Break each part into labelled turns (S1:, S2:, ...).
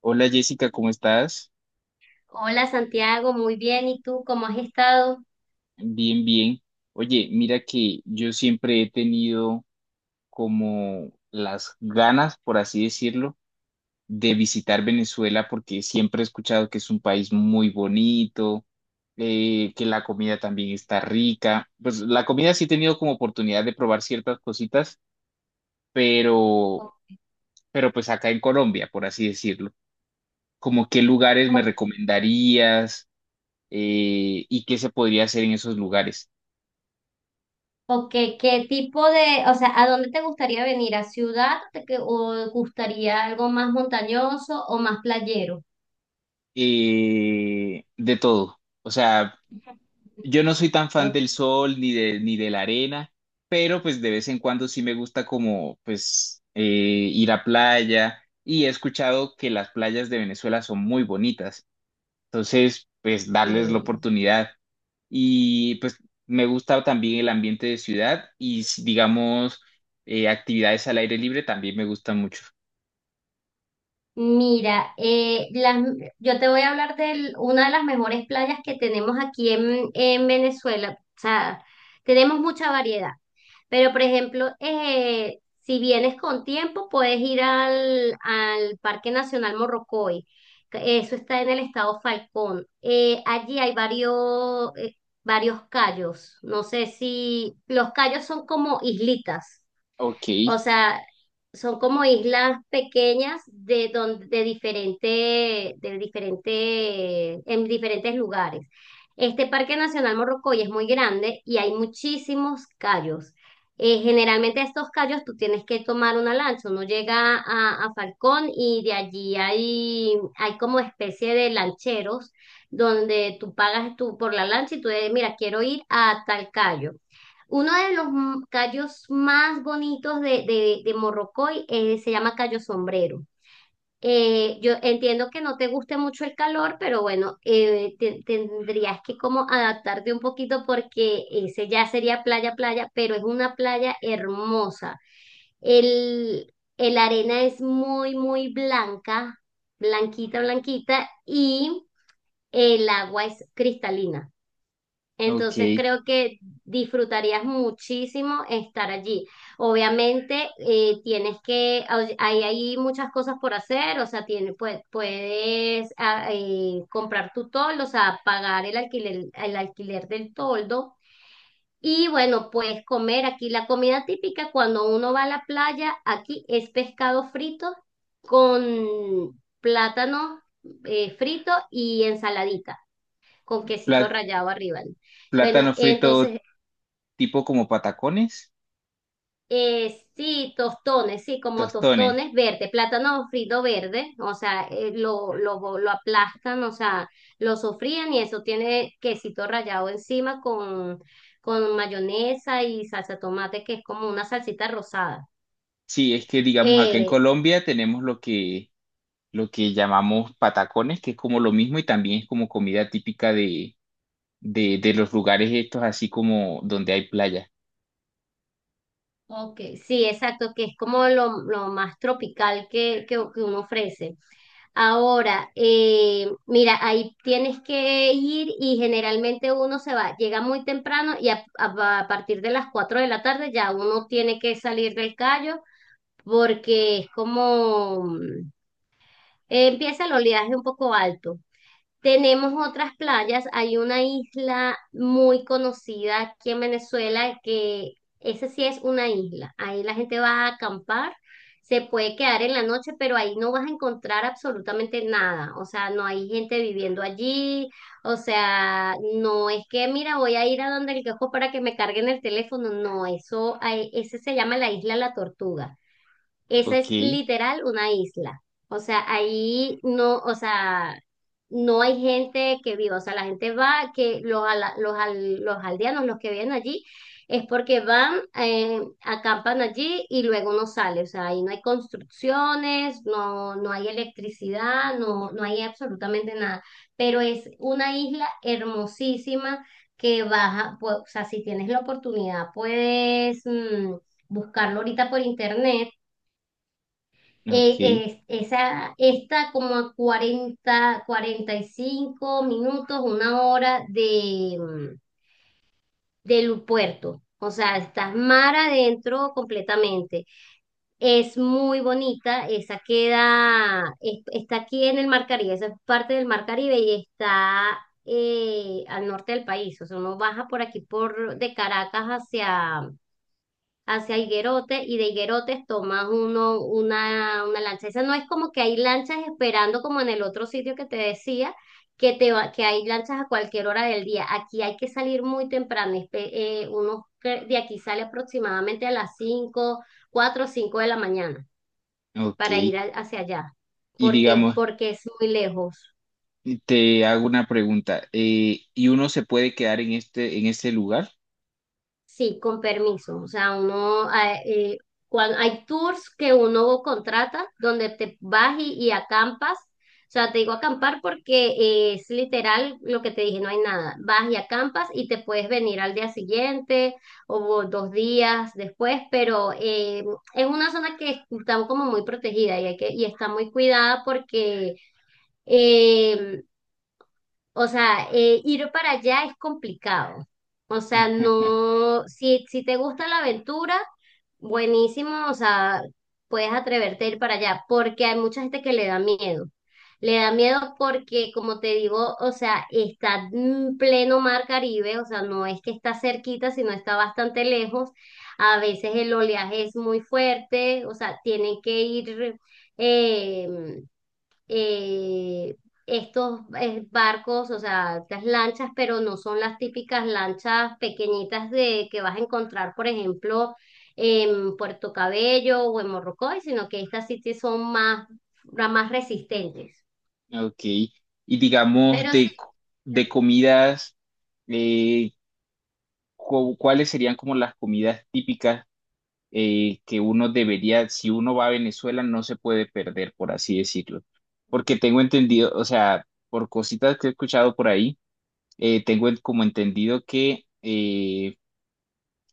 S1: Hola Jessica, ¿cómo estás?
S2: Hola Santiago, muy bien. ¿Y tú cómo has estado?
S1: Bien, bien. Oye, mira que yo siempre he tenido como las ganas, por así decirlo, de visitar Venezuela porque siempre he escuchado que es un país muy bonito, que la comida también está rica. Pues la comida sí he tenido como oportunidad de probar ciertas cositas,
S2: ¿O,
S1: pero, pero pues acá en Colombia, por así decirlo. ¿Como qué lugares me
S2: o-
S1: recomendarías y qué se podría hacer en esos lugares?
S2: qué tipo de, o sea, ¿a dónde te gustaría venir? ¿A ciudad o te gustaría algo más montañoso o más playero?
S1: De todo. O sea, yo no soy tan fan del
S2: Ok.
S1: sol ni de la arena, pero pues de vez en cuando sí me gusta como pues ir a playa y he escuchado que las playas de Venezuela son muy bonitas. Entonces, pues darles la oportunidad. Y pues me gusta también el ambiente de ciudad y digamos actividades al aire libre también me gustan mucho.
S2: Mira, yo te voy a hablar de una de las mejores playas que tenemos aquí en Venezuela. O sea, tenemos mucha variedad. Pero, por ejemplo, si vienes con tiempo, puedes ir al Parque Nacional Morrocoy. Que Eso está en el estado Falcón. Allí hay varios cayos. No sé si los cayos son como islitas.
S1: Ok,
S2: O sea, son como islas pequeñas de donde de diferente, en diferentes lugares. Este Parque Nacional Morrocoy es muy grande y hay muchísimos callos. Generalmente estos callos tú tienes que tomar una lancha, uno llega a Falcón y de allí hay como especie de lancheros donde tú pagas tú por la lancha y tú dices, mira, quiero ir a tal callo. Uno de los callos más bonitos de Morrocoy se llama callo sombrero. Yo entiendo que no te guste mucho el calor, pero bueno, tendrías que como adaptarte un poquito porque ese ya sería playa, playa, pero es una playa hermosa. El arena es muy, muy blanca, blanquita, blanquita, y el agua es cristalina. Entonces
S1: ok.
S2: creo que disfrutarías muchísimo estar allí. Obviamente hay muchas cosas por hacer, o sea, puedes comprar tu toldo, o sea, pagar el alquiler del toldo. Y bueno, puedes comer aquí la comida típica cuando uno va a la playa, aquí es pescado frito con plátano frito y ensaladita con quesito
S1: Pla-
S2: rallado arriba, ¿no? Bueno,
S1: plátano frito
S2: entonces,
S1: tipo como patacones.
S2: sí, tostones, sí, como
S1: Tostones.
S2: tostones verde, plátano frito verde, o sea, lo aplastan, o sea, lo sofrían y eso tiene quesito rallado encima con mayonesa y salsa de tomate, que es como una salsita rosada.
S1: Sí, es que digamos acá en
S2: Eh,
S1: Colombia tenemos lo que llamamos patacones, que es como lo mismo y también es como comida típica de, de los lugares estos, así como donde hay playa.
S2: ok, sí, exacto, que es como lo más tropical que uno ofrece. Ahora, mira, ahí tienes que ir y generalmente uno se va, llega muy temprano y a partir de las 4 de la tarde ya uno tiene que salir del callo porque es como empieza el oleaje un poco alto. Tenemos otras playas, hay una isla muy conocida aquí en Venezuela que esa sí es una isla. Ahí la gente va a acampar, se puede quedar en la noche, pero ahí no vas a encontrar absolutamente nada. O sea, no hay gente viviendo allí. O sea, no es que, mira, voy a ir a donde el quejo para que me carguen el teléfono. No, eso, ese se llama la isla La Tortuga. Esa
S1: Ok,
S2: es literal una isla. O sea, ahí no, o sea, no hay gente que viva. O sea, la gente va, que los, ala- los, al- los aldeanos, los que viven allí, es porque van, acampan allí y luego no sale. O sea, ahí no hay construcciones, no hay electricidad, no hay absolutamente nada. Pero es una isla hermosísima que baja, pues, o sea, si tienes la oportunidad, puedes buscarlo ahorita por internet.
S1: ok,
S2: eh, Esa está como a 40 45 minutos, una hora del puerto. O sea, estás mar adentro completamente. Es muy bonita, esa queda, está aquí en el Mar Caribe, esa es parte del Mar Caribe y está al norte del país. O sea, uno baja por aquí por de Caracas hacia Higuerote y de Higuerotes tomas una lancha. Esa no es como que hay lanchas esperando como en el otro sitio que te decía, que hay lanchas a cualquier hora del día. Aquí hay que salir muy temprano. Uno que de aquí sale aproximadamente a las 5 4 o 5 de la mañana
S1: ok.
S2: para ir hacia allá,
S1: Y
S2: porque,
S1: digamos,
S2: porque es muy lejos.
S1: te hago una pregunta. ¿Y uno se puede quedar en este lugar?
S2: Sí, con permiso. O sea, uno, hay tours que uno contrata donde te vas y acampas. O sea, te digo acampar porque es literal lo que te dije, no hay nada. Vas y acampas y te puedes venir al día siguiente o 2 días después, pero es una zona que está como muy protegida y está muy cuidada porque eh, o sea, ir para allá es complicado. O sea, no, si, te gusta la aventura, buenísimo, o sea, puedes atreverte a ir para allá, porque hay mucha gente que le da miedo. Le da miedo porque, como te digo, o sea, está en pleno mar Caribe, o sea, no es que está cerquita, sino está bastante lejos. A veces el oleaje es muy fuerte, o sea, tienen que ir, em, eh, estos barcos, o sea, estas lanchas, pero no son las típicas lanchas pequeñitas de que vas a encontrar, por ejemplo, en Puerto Cabello o en Morrocoy, sino que estas sí que son más, más resistentes.
S1: Ok. Y digamos,
S2: Pero sí,
S1: de comidas, eh, ¿cuáles serían como las comidas típicas? Que uno debería, si uno va a Venezuela, no se puede perder, por así decirlo. Porque tengo entendido, o sea, por cositas que he escuchado por ahí, como entendido que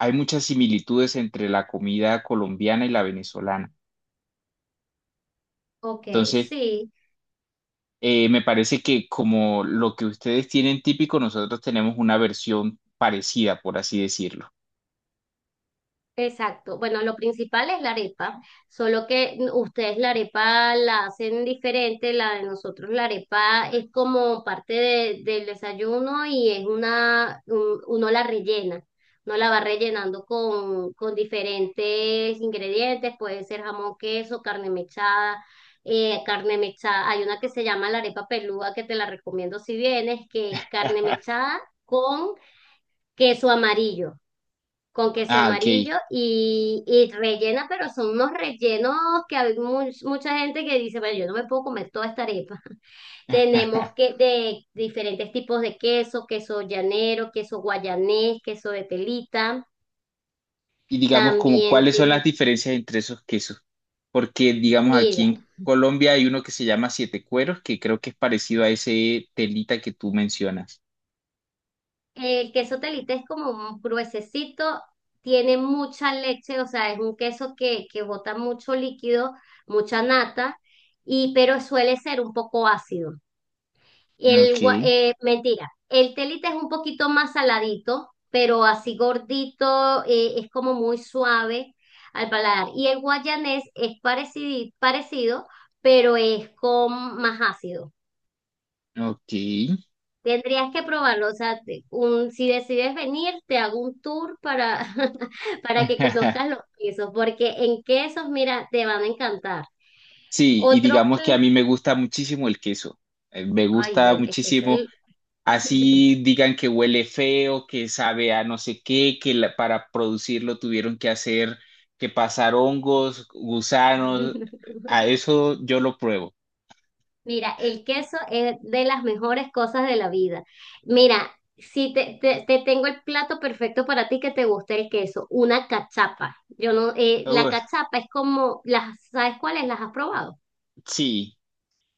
S1: hay muchas similitudes entre la comida colombiana y la venezolana.
S2: ok,
S1: Entonces,
S2: sí.
S1: me parece que como lo que ustedes tienen típico, nosotros tenemos una versión parecida, por así decirlo.
S2: Exacto. Bueno, lo principal es la arepa, solo que ustedes la arepa la hacen diferente, la de nosotros la arepa es como parte del desayuno y es uno la rellena, uno la va rellenando con diferentes ingredientes, puede ser jamón, queso, carne mechada, hay una que se llama la arepa pelúa que te la recomiendo si vienes, que es carne mechada con queso amarillo
S1: Ah, ok.
S2: y rellena, pero son unos rellenos que hay mucha gente que dice, bueno, yo no me puedo comer toda esta arepa. Tenemos que de diferentes tipos de queso, queso llanero, queso guayanés, queso de telita.
S1: Y digamos, como
S2: También,
S1: cuáles son las diferencias entre esos quesos. Porque, digamos, aquí
S2: mira,
S1: en Colombia hay uno que se llama Siete Cueros, que creo que es parecido a ese telita que tú mencionas.
S2: el queso telita es como un gruesecito, tiene mucha leche, o sea, es un queso que bota mucho líquido, mucha nata, y pero suele ser un poco ácido.
S1: Ok,
S2: Mentira, el telita es un poquito más saladito, pero así gordito, es como muy suave al paladar. Y el guayanés es parecido, parecido, pero es con más ácido.
S1: ok.
S2: Tendrías que probarlo, o sea, si decides venir, te hago un tour para, para que conozcas los quesos, porque en quesos, mira, te van a encantar.
S1: Sí, y
S2: Otro,
S1: digamos que a
S2: pl-
S1: mí me gusta muchísimo el queso. Me
S2: Ay,
S1: gusta
S2: bueno, es que es
S1: muchísimo.
S2: el.
S1: Así digan que huele feo, que sabe a no sé qué, para producirlo tuvieron que hacer, que pasar hongos, gusanos. A eso yo lo pruebo.
S2: Mira, el queso es de las mejores cosas de la vida. Mira, si te, te tengo el plato perfecto para ti que te guste el queso, una cachapa. Yo no, la cachapa es como, las, ¿sabes cuáles? ¿Las has probado?
S1: Sí,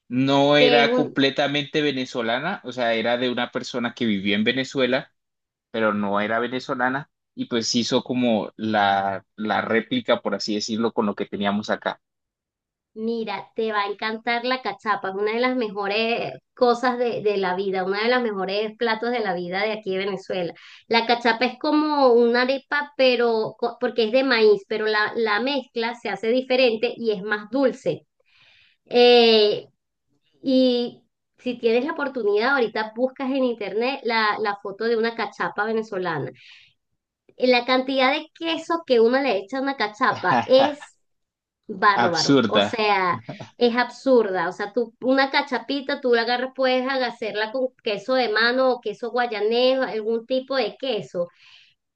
S1: no
S2: Que es
S1: era
S2: un,
S1: completamente venezolana, o sea, era de una persona que vivió en Venezuela, pero no era venezolana, y pues hizo como la réplica, por así decirlo, con lo que teníamos acá.
S2: Mira, te va a encantar la cachapa, es una de las mejores cosas de la vida, una de las mejores platos de la vida de aquí de Venezuela. La cachapa es como una arepa, pero porque es de maíz, pero la mezcla se hace diferente y es más dulce. Eh, y si tienes la oportunidad, ahorita buscas en internet la foto de una cachapa venezolana. La cantidad de queso que uno le echa a una cachapa es bárbaro, o
S1: Absurda,
S2: sea, es absurda. O sea, tú, una cachapita, tú la agarras, puedes hacerla con queso de mano o queso guayanés, algún tipo de queso.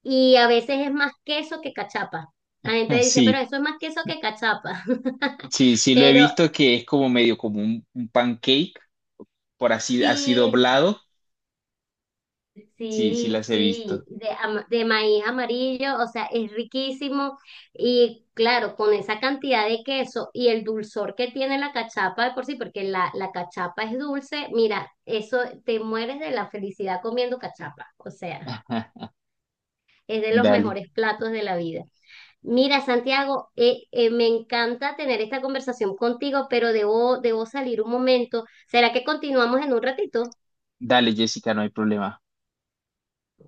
S2: Y a veces es más queso que cachapa. La gente dice, pero
S1: sí,
S2: eso es más queso que cachapa.
S1: sí, sí lo he
S2: Pero
S1: visto que es como medio como un pancake, por así, así
S2: sí.
S1: doblado, sí, sí
S2: Sí,
S1: las he
S2: sí,
S1: visto.
S2: de maíz amarillo, o sea, es riquísimo y claro, con esa cantidad de queso y el dulzor que tiene la cachapa de por sí, porque la cachapa es dulce, mira, eso te mueres de la felicidad comiendo cachapa, o sea, es de los
S1: Dale,
S2: mejores platos de la vida. Mira, Santiago, me encanta tener esta conversación contigo, pero debo salir un momento. ¿Será que continuamos en un ratito?
S1: dale, Jessica, no hay problema.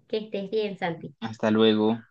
S2: Que estés bien, Santi.
S1: Hasta luego.